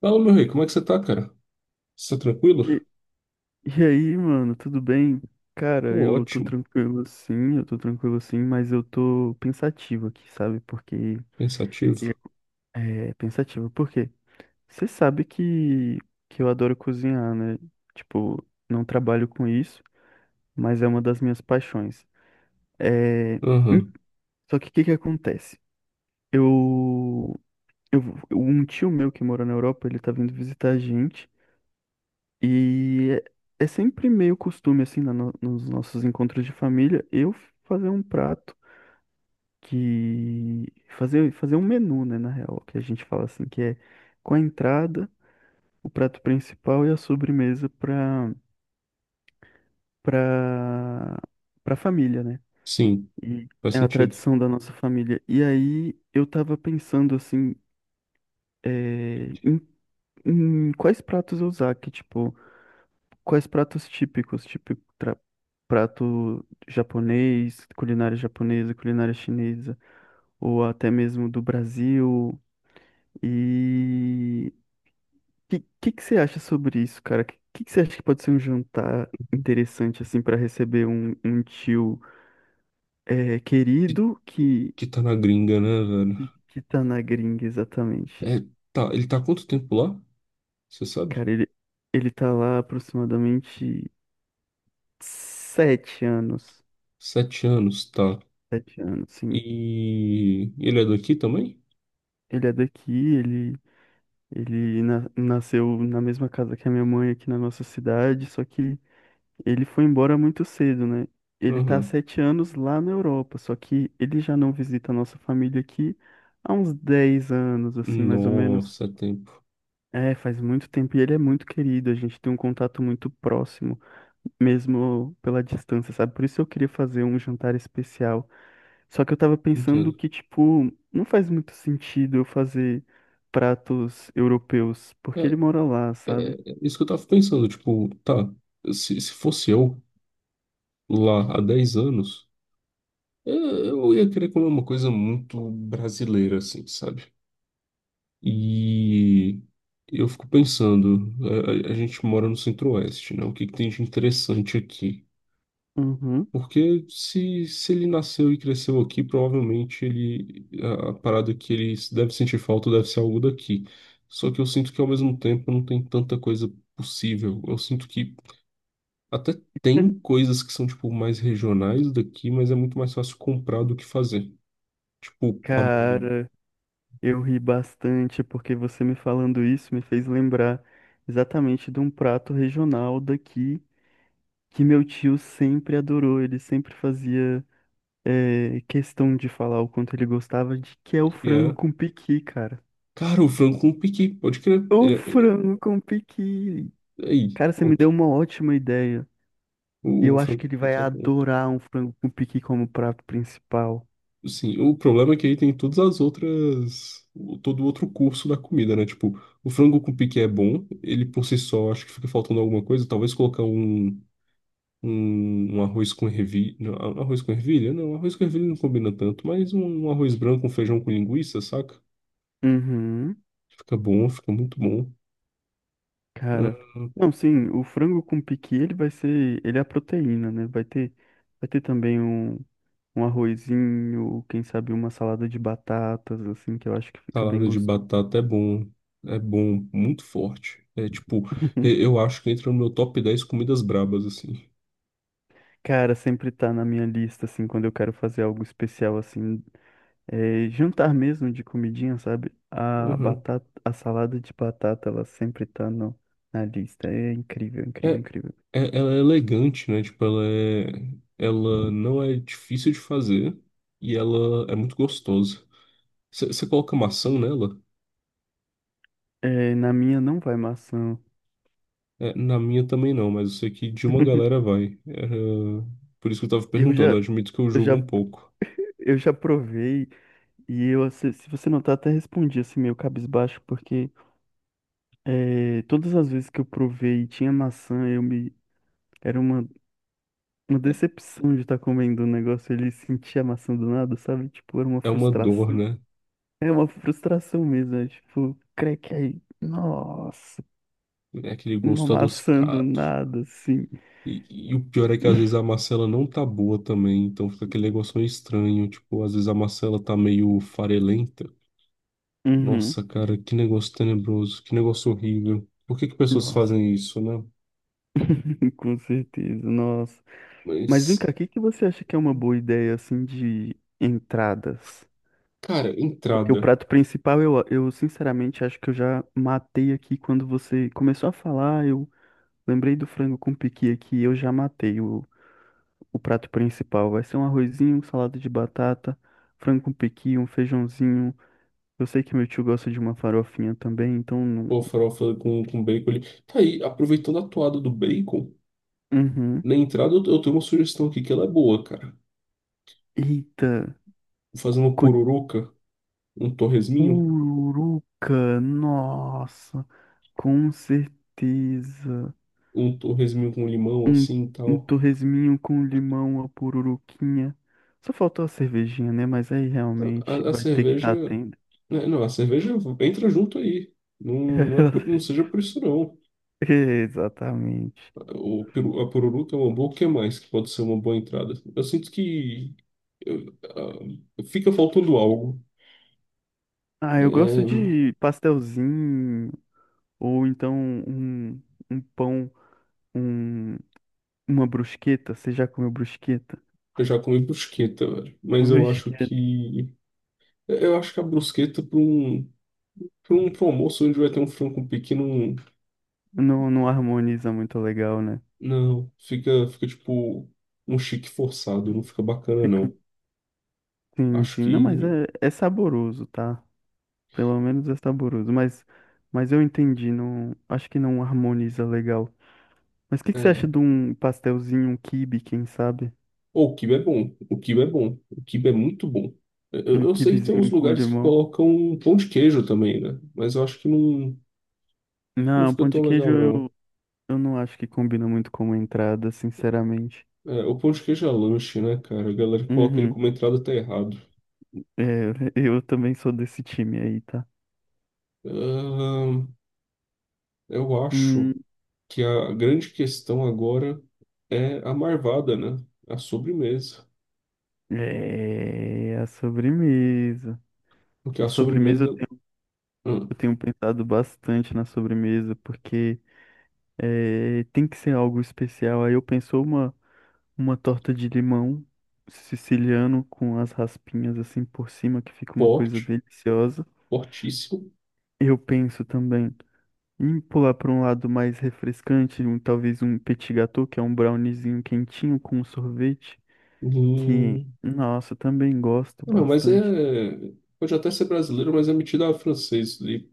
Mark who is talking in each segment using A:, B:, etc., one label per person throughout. A: Fala, meu rei, como é que você tá, cara? Você tá tranquilo?
B: E, e aí, mano, tudo bem?
A: Tô
B: Cara, eu tô
A: ótimo,
B: tranquilo assim, eu tô tranquilo assim, mas eu tô pensativo aqui, sabe? Porque
A: pensativo.
B: é pensativo, porque você sabe que eu adoro cozinhar, né? Tipo, não trabalho com isso, mas é uma das minhas paixões. É, em-
A: Aham,
B: só que o que que acontece? Eu, eu, um tio meu que mora na Europa, ele tá vindo visitar a gente. E é sempre meio costume, assim, na no- nos nossos encontros de família, eu fazer um prato que. Fazer um menu, né, na real, que a gente fala assim, que é com a entrada, o prato principal e a sobremesa para para família, né?
A: sim,
B: E
A: faz
B: é a
A: sentido.
B: tradição da nossa família. E aí eu tava pensando, assim, é, em, em quais pratos eu usar, que, tipo. Quais pratos típicos, tipo prato japonês, culinária japonesa, culinária chinesa, ou até mesmo do Brasil? E que que você acha sobre isso, cara? Que que você acha que pode ser um jantar interessante assim para receber um tio
A: Que,
B: querido que,
A: que tá na gringa, né, velho?
B: que que tá na gringa exatamente?
A: É, tá, ele tá há quanto tempo lá? Você sabe?
B: Cara, ele tá lá aproximadamente 7 anos,
A: 7 anos, tá.
B: 7 anos, sim.
A: E ele é daqui também?
B: Ele é daqui, ele nasceu na mesma casa que a minha mãe aqui na nossa cidade, só que ele foi embora muito cedo, né? Ele tá há
A: Aham.
B: 7 anos lá na Europa, só que ele já não visita a nossa família aqui há uns 10 anos, assim, mais ou menos.
A: Nossa, é tempo.
B: É, faz muito tempo e ele é muito querido, a gente tem um contato muito próximo, mesmo pela distância, sabe? Por isso eu queria fazer um jantar especial. Só que eu tava pensando
A: Entendo.
B: que, tipo, não faz muito sentido eu fazer pratos europeus,
A: É,
B: porque ele mora lá, sabe?
A: é isso que eu tava pensando, tipo, tá, se fosse eu lá há 10 anos, eu ia querer comer uma coisa muito brasileira, assim, sabe? E eu fico pensando, a gente mora no Centro-Oeste, né? O que tem de interessante aqui?
B: Uhum.
A: Porque se ele nasceu e cresceu aqui, provavelmente ele, a parada que ele deve sentir falta deve ser algo daqui. Só que eu sinto que ao mesmo tempo não tem tanta coisa possível. Eu sinto que até tem coisas que são tipo mais regionais daqui, mas é muito mais fácil comprar do que fazer. Tipo, pamonha,
B: Cara, eu ri bastante porque você me falando isso me fez lembrar exatamente de um prato regional daqui que meu tio sempre adorou. Ele sempre fazia. Questão de falar o quanto ele gostava de que é o
A: que
B: frango
A: é.
B: com piqui, cara.
A: Cara, o frango com piqui, pode crer. Ele
B: O
A: é- ele
B: frango com piqui.
A: é- Aí,
B: Cara, você me deu
A: pronto.
B: uma ótima ideia. E
A: O
B: eu acho que
A: Franco
B: ele vai
A: Pique é bom.
B: adorar um frango com piqui como prato principal.
A: Sim, o problema é que aí tem todas as outras. Todo o outro curso da comida, né? Tipo, o frango com pique é bom, ele por si só, acho que fica faltando alguma coisa. Talvez colocar um arroz com ervilha. Não, arroz com ervilha? Não, arroz com ervilha não combina tanto, mas um arroz branco, um feijão com linguiça, saca?
B: Uhum,
A: Fica bom, fica muito bom.
B: cara.
A: Ah,
B: Não, sim, o frango com piqui, ele é a proteína, né? Vai ter também um arrozinho, quem sabe uma salada de batatas, assim, que eu acho que fica bem
A: salada de
B: gostoso.
A: batata é bom, muito forte. É tipo, eu acho que entra no meu top 10 comidas brabas, assim.
B: Cara, sempre tá na minha lista, assim, quando eu quero fazer algo especial, assim, jantar mesmo de comidinha, sabe? A
A: Aham.
B: batata, a salada de batata, ela sempre tá no, na lista. É incrível,
A: É,
B: incrível, incrível.
A: ela é elegante, né? Tipo, ela não é difícil de fazer e ela é muito gostosa. Você coloca maçã
B: Uhum.
A: nela?
B: É, na minha não vai maçã.
A: É, na minha também não, mas eu sei que de uma galera vai. Era- Por isso que eu tava
B: Eu
A: perguntando, eu
B: já,
A: admito que eu
B: eu já,
A: julgo um pouco.
B: eu já provei e eu, se você notar, até respondi assim meio cabisbaixo, porque todas as vezes que eu provei e tinha maçã, era uma
A: É
B: decepção de estar comendo um negócio ele sentia a maçã do nada, sabe? Tipo, era uma
A: é uma dor,
B: frustração.
A: né?
B: É uma frustração mesmo, é tipo, creque aí. Nossa,
A: É aquele
B: uma
A: gosto
B: maçã do
A: adocicado.
B: nada, assim.
A: E o pior é que às vezes a maçã ela não tá boa também, então fica aquele negócio meio estranho. Tipo, às vezes a maçã ela tá meio farelenta.
B: Uhum.
A: Nossa, cara, que negócio tenebroso, que negócio horrível. Por que que pessoas
B: Nossa,
A: fazem isso, né?
B: com certeza, nossa. Mas vem cá,
A: Mas,
B: o que que você acha que é uma boa ideia, assim, de entradas?
A: cara,
B: Porque o
A: entrada.
B: prato principal, eu sinceramente acho que eu já matei aqui quando você começou a falar, eu lembrei do frango com piqui aqui, eu já matei o prato principal vai ser um arrozinho, um salada de batata, frango com pequi, um feijãozinho. Eu sei que meu tio gosta de uma farofinha também, então.
A: Pô, farofa com bacon ali. Tá aí, aproveitando a toada do bacon,
B: Uhum.
A: na entrada eu tenho uma sugestão aqui que ela é boa, cara.
B: Eita,
A: Fazer uma pururuca, um torresminho,
B: cocuruca, nossa, com certeza.
A: um torresminho com limão,
B: Um,
A: assim e
B: um
A: tal.
B: torresminho com limão, a pururuquinha. Só faltou a cervejinha, né? Mas aí realmente
A: A
B: vai ter que
A: cerveja.
B: estar tendo.
A: Né, Não, a cerveja entra junto aí. Não, não, é não seja por isso, não.
B: Exatamente.
A: A pururuca é uma boa, o que mais que pode ser uma boa entrada? Eu sinto que eu- ah, fica faltando algo.
B: Ah, eu gosto
A: É,
B: de pastelzinho. Ou então um, um pão, um, uma brusqueta. Você já comeu brusqueta?
A: eu já comi brusqueta, velho. Mas eu acho
B: Brusqueta
A: que. Eu acho que a brusqueta pra um almoço onde vai ter um frango pequeno.
B: não harmoniza muito legal, né?
A: Não, fica, fica tipo um chique forçado, não fica bacana,
B: Fica,
A: não.
B: sim,
A: Acho
B: sim. Não, mas
A: que.
B: é saboroso, tá? Pelo menos é saboroso. Mas eu entendi, não, acho que não harmoniza legal. Mas o que, que você acha
A: É.
B: de um pastelzinho, um quibe, quem sabe?
A: Ou o quibe é bom, o quibe é muito bom.
B: Um
A: Eu sei que tem uns
B: quibezinho com
A: lugares que
B: limão?
A: colocam pão de queijo também, né? Mas eu acho que não, não
B: Não,
A: fica
B: pão de
A: tão
B: queijo
A: legal,
B: eu,
A: não.
B: eu não acho que combina muito como entrada, sinceramente.
A: É, o pão de queijo é lanche, né, cara? A galera que coloca ele
B: Uhum.
A: como entrada tá errado.
B: É, eu também sou desse time aí, tá?
A: Ahn, eu acho
B: Hum,
A: que a grande questão agora é a marvada, né? A sobremesa.
B: é, a sobremesa.
A: Porque
B: A
A: a
B: sobremesa
A: sobremesa
B: eu tenho,
A: é
B: eu tenho pensado bastante na sobremesa, porque tem que ser algo especial. Aí eu penso uma torta de limão siciliano com as raspinhas assim por cima, que fica uma coisa
A: forte,
B: deliciosa.
A: fortíssimo.
B: Eu penso também em pular para um lado mais refrescante, talvez um petit gâteau, que é um browniezinho quentinho com um sorvete. Que,
A: Hum,
B: nossa, eu também gosto
A: não, mas é.
B: bastante.
A: Pode até ser brasileiro, mas é metida a francês ali.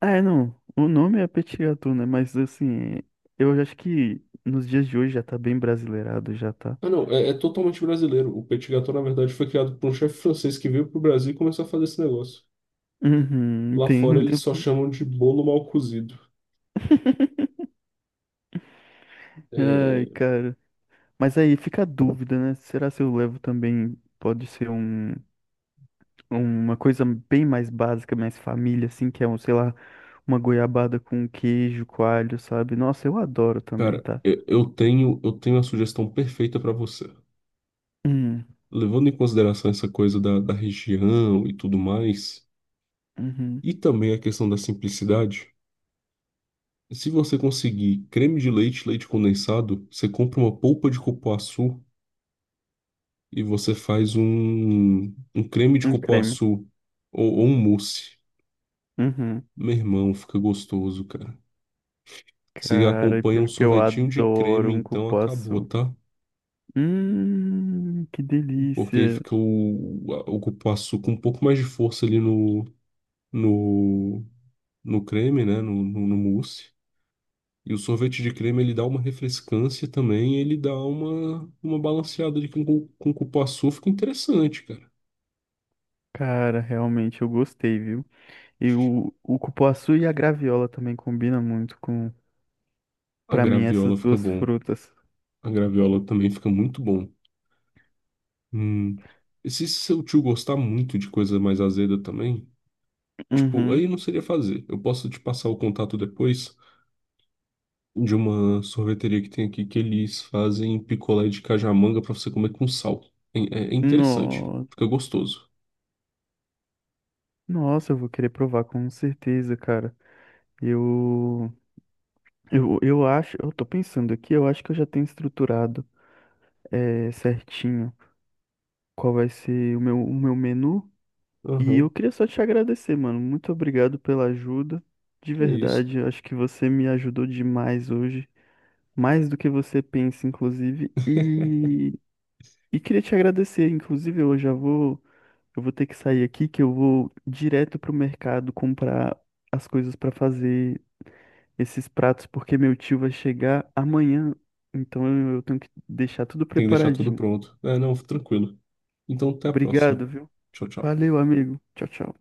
B: Ah, é, não. O nome é petit gâteau, né? Mas assim, eu acho que nos dias de hoje já tá bem brasileirado, já tá.
A: Ah, não, é totalmente brasileiro. O petit gâteau, na verdade, foi criado por um chefe francês que veio pro Brasil e começou a fazer esse negócio.
B: Uhum,
A: Lá fora eles
B: entendo.
A: só chamam de bolo mal cozido.
B: Ai,
A: É,
B: cara. Mas aí fica a dúvida, né? Será se eu levo também pode ser um, uma coisa bem mais básica, mais família, assim, que é sei lá, uma goiabada com queijo, coalho, sabe? Nossa, eu adoro também,
A: cara,
B: tá?
A: eu tenho a sugestão perfeita para você.
B: Hum,
A: Levando em consideração essa coisa da região e tudo mais,
B: uhum,
A: e também a questão da simplicidade, se você conseguir creme de leite, leite condensado, você compra uma polpa de cupuaçu e você faz um creme de
B: um creme.
A: cupuaçu ou um mousse.
B: Uhum.
A: Meu irmão, fica gostoso, cara. Se
B: Cara, e
A: acompanha um
B: pior que eu
A: sorvetinho de creme,
B: adoro um
A: então acabou,
B: cupuaçu.
A: tá?
B: Que
A: Porque aí
B: delícia.
A: fica o cupuaçu com um pouco mais de força ali no, no creme, né? No mousse. E o sorvete de creme ele dá uma refrescância também, ele dá uma balanceada de com cupuaçu, fica interessante, cara.
B: Cara, realmente eu gostei, viu? E o cupuaçu e a graviola também combinam muito com,
A: A
B: pra mim, essas
A: graviola fica
B: duas
A: bom.
B: frutas.
A: A graviola também fica muito bom. Hum. E se seu tio gostar muito de coisa mais azeda também, tipo,
B: Uhum.
A: aí não seria fazer. Eu posso te passar o contato depois de uma sorveteria que tem aqui que eles fazem picolé de cajamanga pra você comer com sal. É, é interessante,
B: No,
A: fica gostoso.
B: nossa, eu vou querer provar com certeza, cara. Eu, eu acho, eu tô pensando aqui, eu acho que eu já tenho estruturado, certinho qual vai ser o meu menu. E, eu
A: Aham,
B: queria só te agradecer, mano. Muito obrigado pela ajuda. De
A: que isso, cara.
B: verdade, eu acho que você me ajudou demais hoje, mais do que você pensa, inclusive. E queria te agradecer, inclusive, eu vou ter que sair aqui, que eu vou direto pro mercado comprar as coisas pra fazer esses pratos, porque meu tio vai chegar amanhã. Então eu tenho que deixar tudo
A: Tem que deixar tudo
B: preparadinho.
A: pronto. É, não, tranquilo. Então, até a próxima.
B: Obrigado, viu?
A: Tchau, tchau.
B: Valeu, amigo. Tchau, tchau.